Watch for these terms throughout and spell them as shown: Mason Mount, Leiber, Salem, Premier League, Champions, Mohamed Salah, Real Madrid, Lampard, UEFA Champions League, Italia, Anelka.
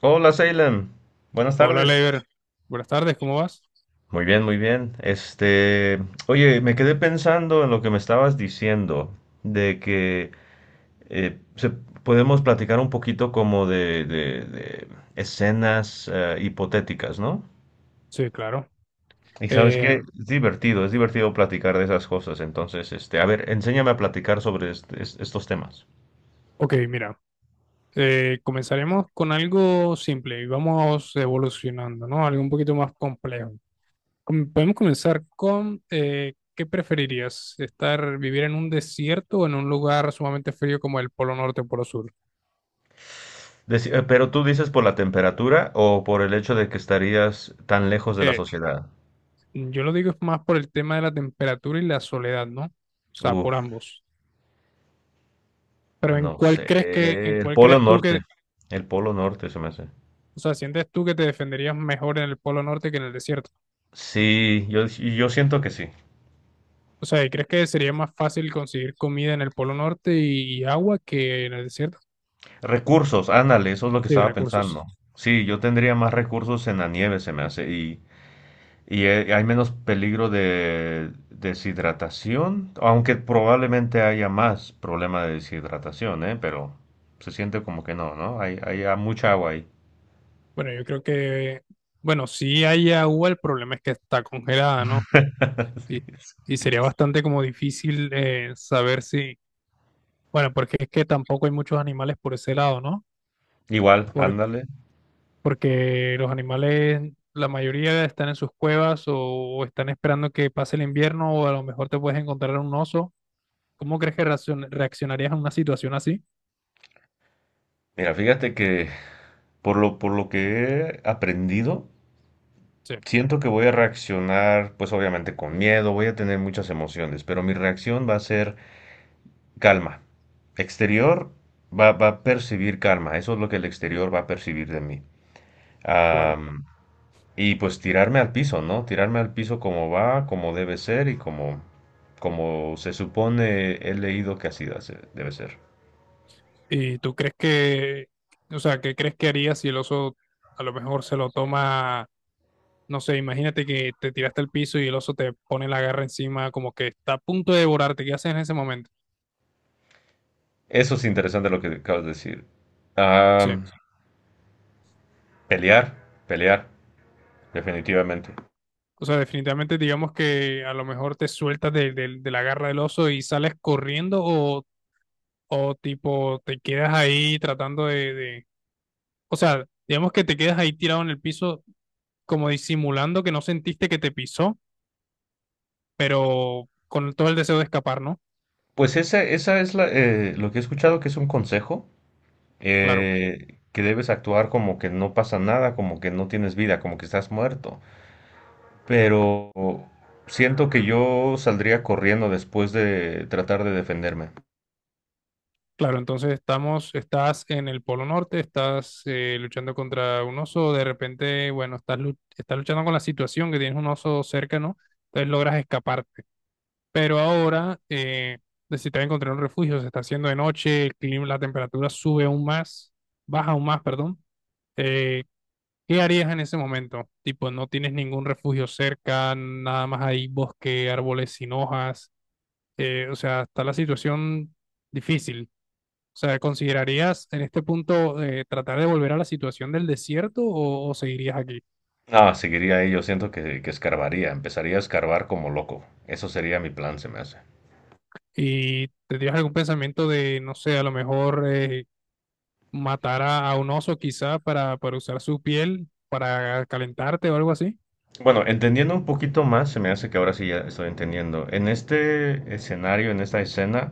Hola, Salem. Buenas Hola, tardes. Leiber. Buenas tardes, ¿cómo vas? Muy bien, muy bien. Oye, me quedé pensando en lo que me estabas diciendo, de que podemos platicar un poquito como de escenas hipotéticas, ¿no? Sí, claro. Y sabes Eh, qué, es divertido platicar de esas cosas. Entonces, a ver, enséñame a platicar sobre estos temas. ok, mira, comenzaremos con algo simple y vamos evolucionando, ¿no? Algo un poquito más complejo. Podemos comenzar con, ¿qué preferirías? ¿Estar, vivir en un desierto o en un lugar sumamente frío como el Polo Norte o Polo Sur? Pero tú dices por la temperatura o por el hecho de que estarías tan lejos de la Eh, sociedad. yo lo digo es más por el tema de la temperatura y la soledad, ¿no? O sea, por Uf. ambos. Pero ¿en No cuál sé, crees que, en el cuál Polo crees tú que, Norte. El Polo Norte se me hace. o sea, sientes tú que te defenderías mejor en el Polo Norte que en el desierto? Sí, yo siento que sí. O sea, ¿y crees que sería más fácil conseguir comida en el Polo Norte y agua que en el desierto? Recursos, ándale, eso es lo que Y estaba recursos. pensando. Sí, yo tendría más recursos en la nieve, se me hace, y, hay menos peligro de deshidratación, aunque probablemente haya más problema de deshidratación, ¿eh? Pero se siente como que no, ¿no? Mucha agua ahí. Bueno, yo creo que, bueno, si hay agua, el problema es que está congelada, ¿no? Y, Sí. y sería bastante como difícil saber si, bueno, porque es que tampoco hay muchos animales por ese lado, ¿no? Igual, Por- ándale. Porque los animales, la mayoría están en sus cuevas o están esperando que pase el invierno o a lo mejor te puedes encontrar un oso. ¿Cómo crees que reaccionarías a una situación así? Mira, fíjate que por lo que he aprendido, Sí, siento que voy a reaccionar, pues obviamente con miedo, voy a tener muchas emociones, pero mi reacción va a ser calma. Exterior va a percibir calma, eso es lo que el exterior va a percibir de mí. claro. Am, y pues tirarme al piso, ¿no? Tirarme al piso como va, como debe ser y como, como se supone he leído que debe ser. ¿Y tú crees que, o sea, qué crees que haría si el oso a lo mejor se lo toma, no sé, imagínate que te tiraste al piso y el oso te pone la garra encima, como que está a punto de devorarte, ¿qué haces en ese momento? Eso es interesante lo que acabas de decir. Sí. Am, Pelear, pelear, definitivamente. O sea, definitivamente digamos que a lo mejor te sueltas de, de la garra del oso y sales corriendo o tipo te quedas ahí tratando de- o sea, digamos que te quedas ahí tirado en el piso como disimulando que no sentiste que te pisó, pero con todo el deseo de escapar, ¿no? Pues esa es lo que he escuchado que es un consejo, Claro. Que debes actuar como que no pasa nada, como que no tienes vida, como que estás muerto. Pero siento que yo saldría corriendo después de tratar de defenderme. Claro, entonces estamos, estás en el Polo Norte, estás luchando contra un oso, de repente, bueno, estás, lu- estás luchando con la situación que tienes un oso cerca, ¿no? Entonces logras escaparte. Pero ahora necesitas encontrar un refugio, se está haciendo de noche, el clima, la temperatura sube aún más, baja aún más, perdón. Eh, ¿Qué harías en ese momento? Tipo, no tienes ningún refugio cerca, nada más hay bosque, árboles sin hojas, o sea, está la situación difícil. O sea, ¿considerarías en este punto tratar de volver a la situación del desierto o seguirías aquí? Ah, seguiría ahí, yo siento que escarbaría, empezaría a escarbar como loco. Eso sería mi plan, se me hace. ¿Y tendrías algún pensamiento de, no sé, a lo mejor matar a un oso quizá para usar su piel para calentarte o algo así? Bueno, entendiendo un poquito más, se me hace que ahora sí ya estoy entendiendo. En este escenario, en esta escena,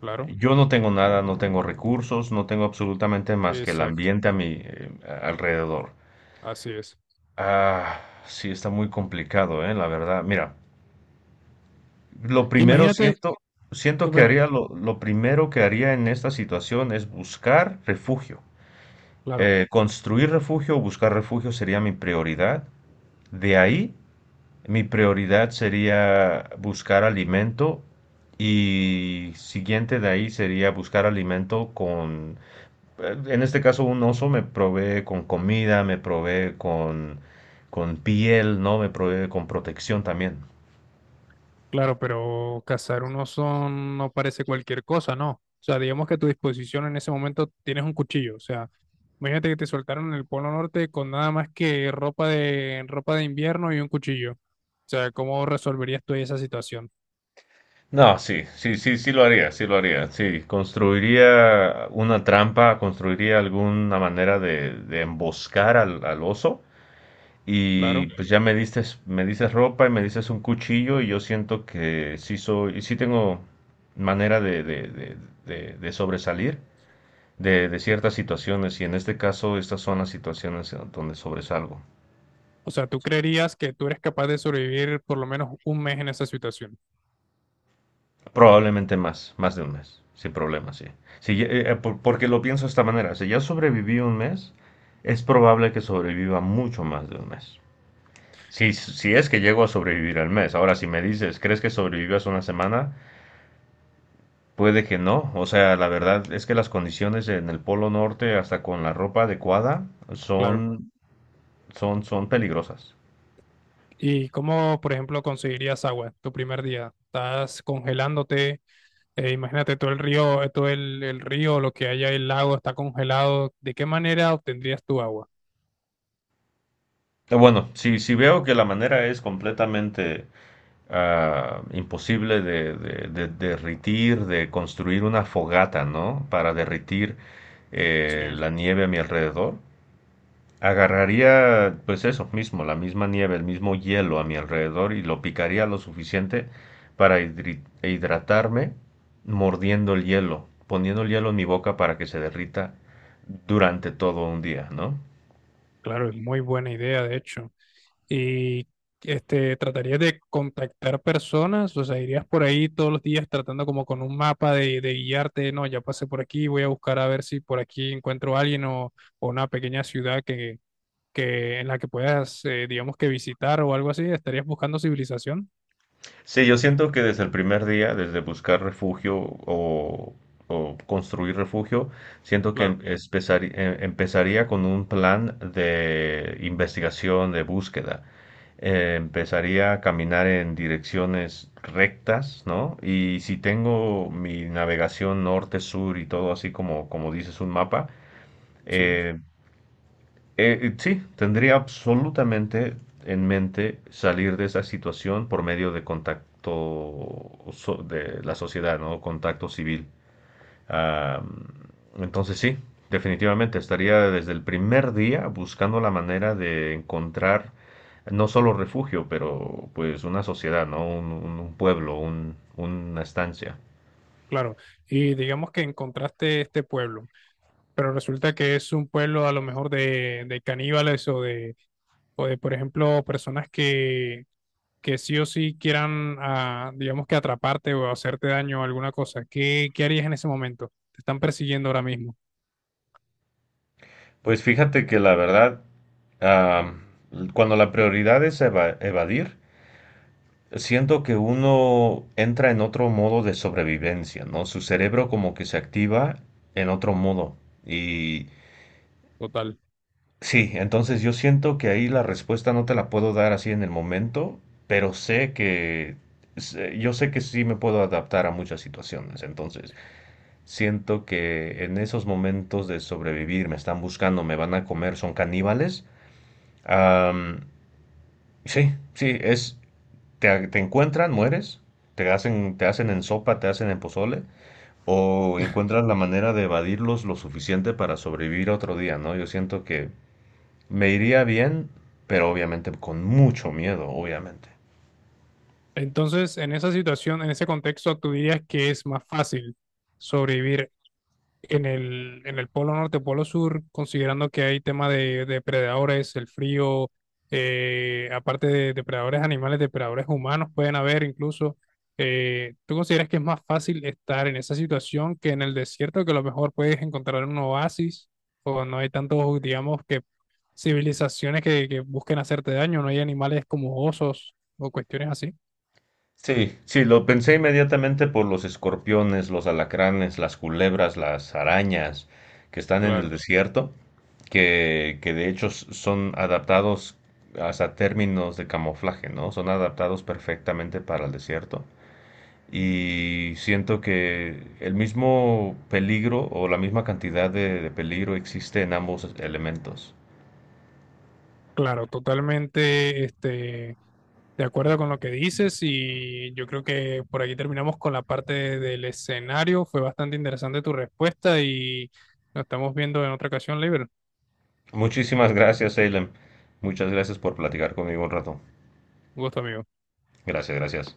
Claro, yo no tengo nada, no tengo recursos, no tengo absolutamente más que el exacto, ambiente a mi alrededor. así es. Ah, sí, está muy complicado, la verdad. Mira, lo primero Imagínate, siento, siento que bueno, haría lo primero que haría en esta situación es buscar refugio. claro. Construir refugio o buscar refugio sería mi prioridad. De ahí, mi prioridad sería buscar alimento y siguiente de ahí sería buscar alimento con. En este caso, un oso me provee con comida, me provee con piel, ¿no? Me provee con protección también. Claro, pero cazar un oso no parece cualquier cosa, ¿no? O sea, digamos que a tu disposición en ese momento tienes un cuchillo. O sea, imagínate que te soltaron en el Polo Norte con nada más que ropa de invierno y un cuchillo. O sea, ¿cómo resolverías tú esa situación? No, sí, sí, sí, sí lo haría, sí lo haría, sí. Construiría una trampa, construiría alguna manera de, de emboscar al oso. Y Claro. pues ya me diste, me dices ropa y me dices un cuchillo y yo siento que sí soy, sí tengo manera de sobresalir. De ciertas situaciones y en este caso estas son las situaciones donde sobresalgo. O sea, tú creerías que tú eres capaz de sobrevivir por lo menos un mes en esa situación. Probablemente más, más de un mes, sin problema, sí. Si porque lo pienso de esta manera, si ya sobreviví un mes, es probable que sobreviva mucho más de un mes. Si, si es que llego a sobrevivir al mes, ahora si me dices, ¿crees que sobrevivas una semana? Puede que no, o sea, la verdad es que las condiciones en el Polo Norte, hasta con la ropa adecuada, Claro. son, son peligrosas. ¿Y cómo, por ejemplo, conseguirías agua tu primer día? ¿Estás congelándote? Imagínate todo el río, lo que haya el lago está congelado. ¿De qué manera obtendrías tu agua? Bueno, si, si veo que la manera es completamente ah, imposible de derritir, de construir una fogata, ¿no? Para derritir Sí, la nieve a mi alrededor, agarraría pues eso mismo, la misma nieve, el mismo hielo a mi alrededor y lo picaría lo suficiente para hidratarme mordiendo el hielo, poniendo el hielo en mi boca para que se derrita durante todo un día, ¿no? claro, es muy buena idea, de hecho. Y este, tratarías de contactar personas, o sea, irías por ahí todos los días tratando como con un mapa de guiarte, no, ya pasé por aquí, voy a buscar a ver si por aquí encuentro a alguien o una pequeña ciudad que en la que puedas, digamos que visitar o algo así. ¿Estarías buscando civilización? Sí, yo siento que desde el primer día, desde buscar refugio o, o construir refugio, siento que Claro, empezaría con un plan de investigación, de búsqueda. Empezaría a caminar en direcciones rectas, ¿no? Y si tengo mi navegación norte-sur y todo así como, como dices un mapa, sí. eh, sí, tendría absolutamente en mente salir de esa situación por medio de de la sociedad, ¿no? Contacto civil. Ah, entonces sí, definitivamente estaría desde el primer día buscando la manera de encontrar no solo refugio, pero pues una sociedad, ¿no? Un pueblo, una estancia. Claro, y digamos que encontraste este pueblo, pero resulta que es un pueblo a lo mejor de caníbales o de, por ejemplo, personas que sí o sí quieran, ah, digamos que atraparte o hacerte daño o alguna cosa. ¿Qué, qué harías en ese momento? Te están persiguiendo ahora mismo. Pues fíjate que la verdad, ah, cuando la prioridad es evadir, siento que uno entra en otro modo de sobrevivencia, ¿no? Su cerebro como que se activa en otro modo. Y Total. sí, entonces yo siento que ahí la respuesta no te la puedo dar así en el momento, pero yo sé que sí me puedo adaptar a muchas situaciones. Entonces, siento que en esos momentos de sobrevivir me están buscando, me van a comer, son caníbales. Am, sí, sí, es, te encuentran, mueres, te hacen en sopa, te hacen en pozole, o encuentras la manera de evadirlos lo suficiente para sobrevivir otro día, ¿no? Yo siento que me iría bien, pero obviamente con mucho miedo, obviamente. Entonces, en esa situación, en ese contexto, tú dirías que es más fácil sobrevivir en el polo norte, polo sur, considerando que hay tema de depredadores, el frío, aparte de depredadores animales, depredadores humanos pueden haber incluso. ¿ Tú consideras que es más fácil estar en esa situación que en el desierto, que a lo mejor puedes encontrar un oasis o no hay tantos, digamos, que civilizaciones que busquen hacerte daño, no hay animales como osos o cuestiones así? Sí, sí, lo pensé inmediatamente por los escorpiones, los alacranes, las culebras, las arañas que están en el Claro. desierto, que de hecho son adaptados hasta términos de camuflaje, ¿no? Son adaptados perfectamente para el desierto. Y siento que el mismo peligro o la misma cantidad de peligro existe en ambos elementos. Claro, totalmente este, de acuerdo con lo que dices y yo creo que por aquí terminamos con la parte del escenario. Fue bastante interesante tu respuesta y nos estamos viendo en otra ocasión, Libre. Muchísimas gracias, Salem. Muchas gracias por platicar conmigo un rato. Un gusto, amigo. Gracias, gracias.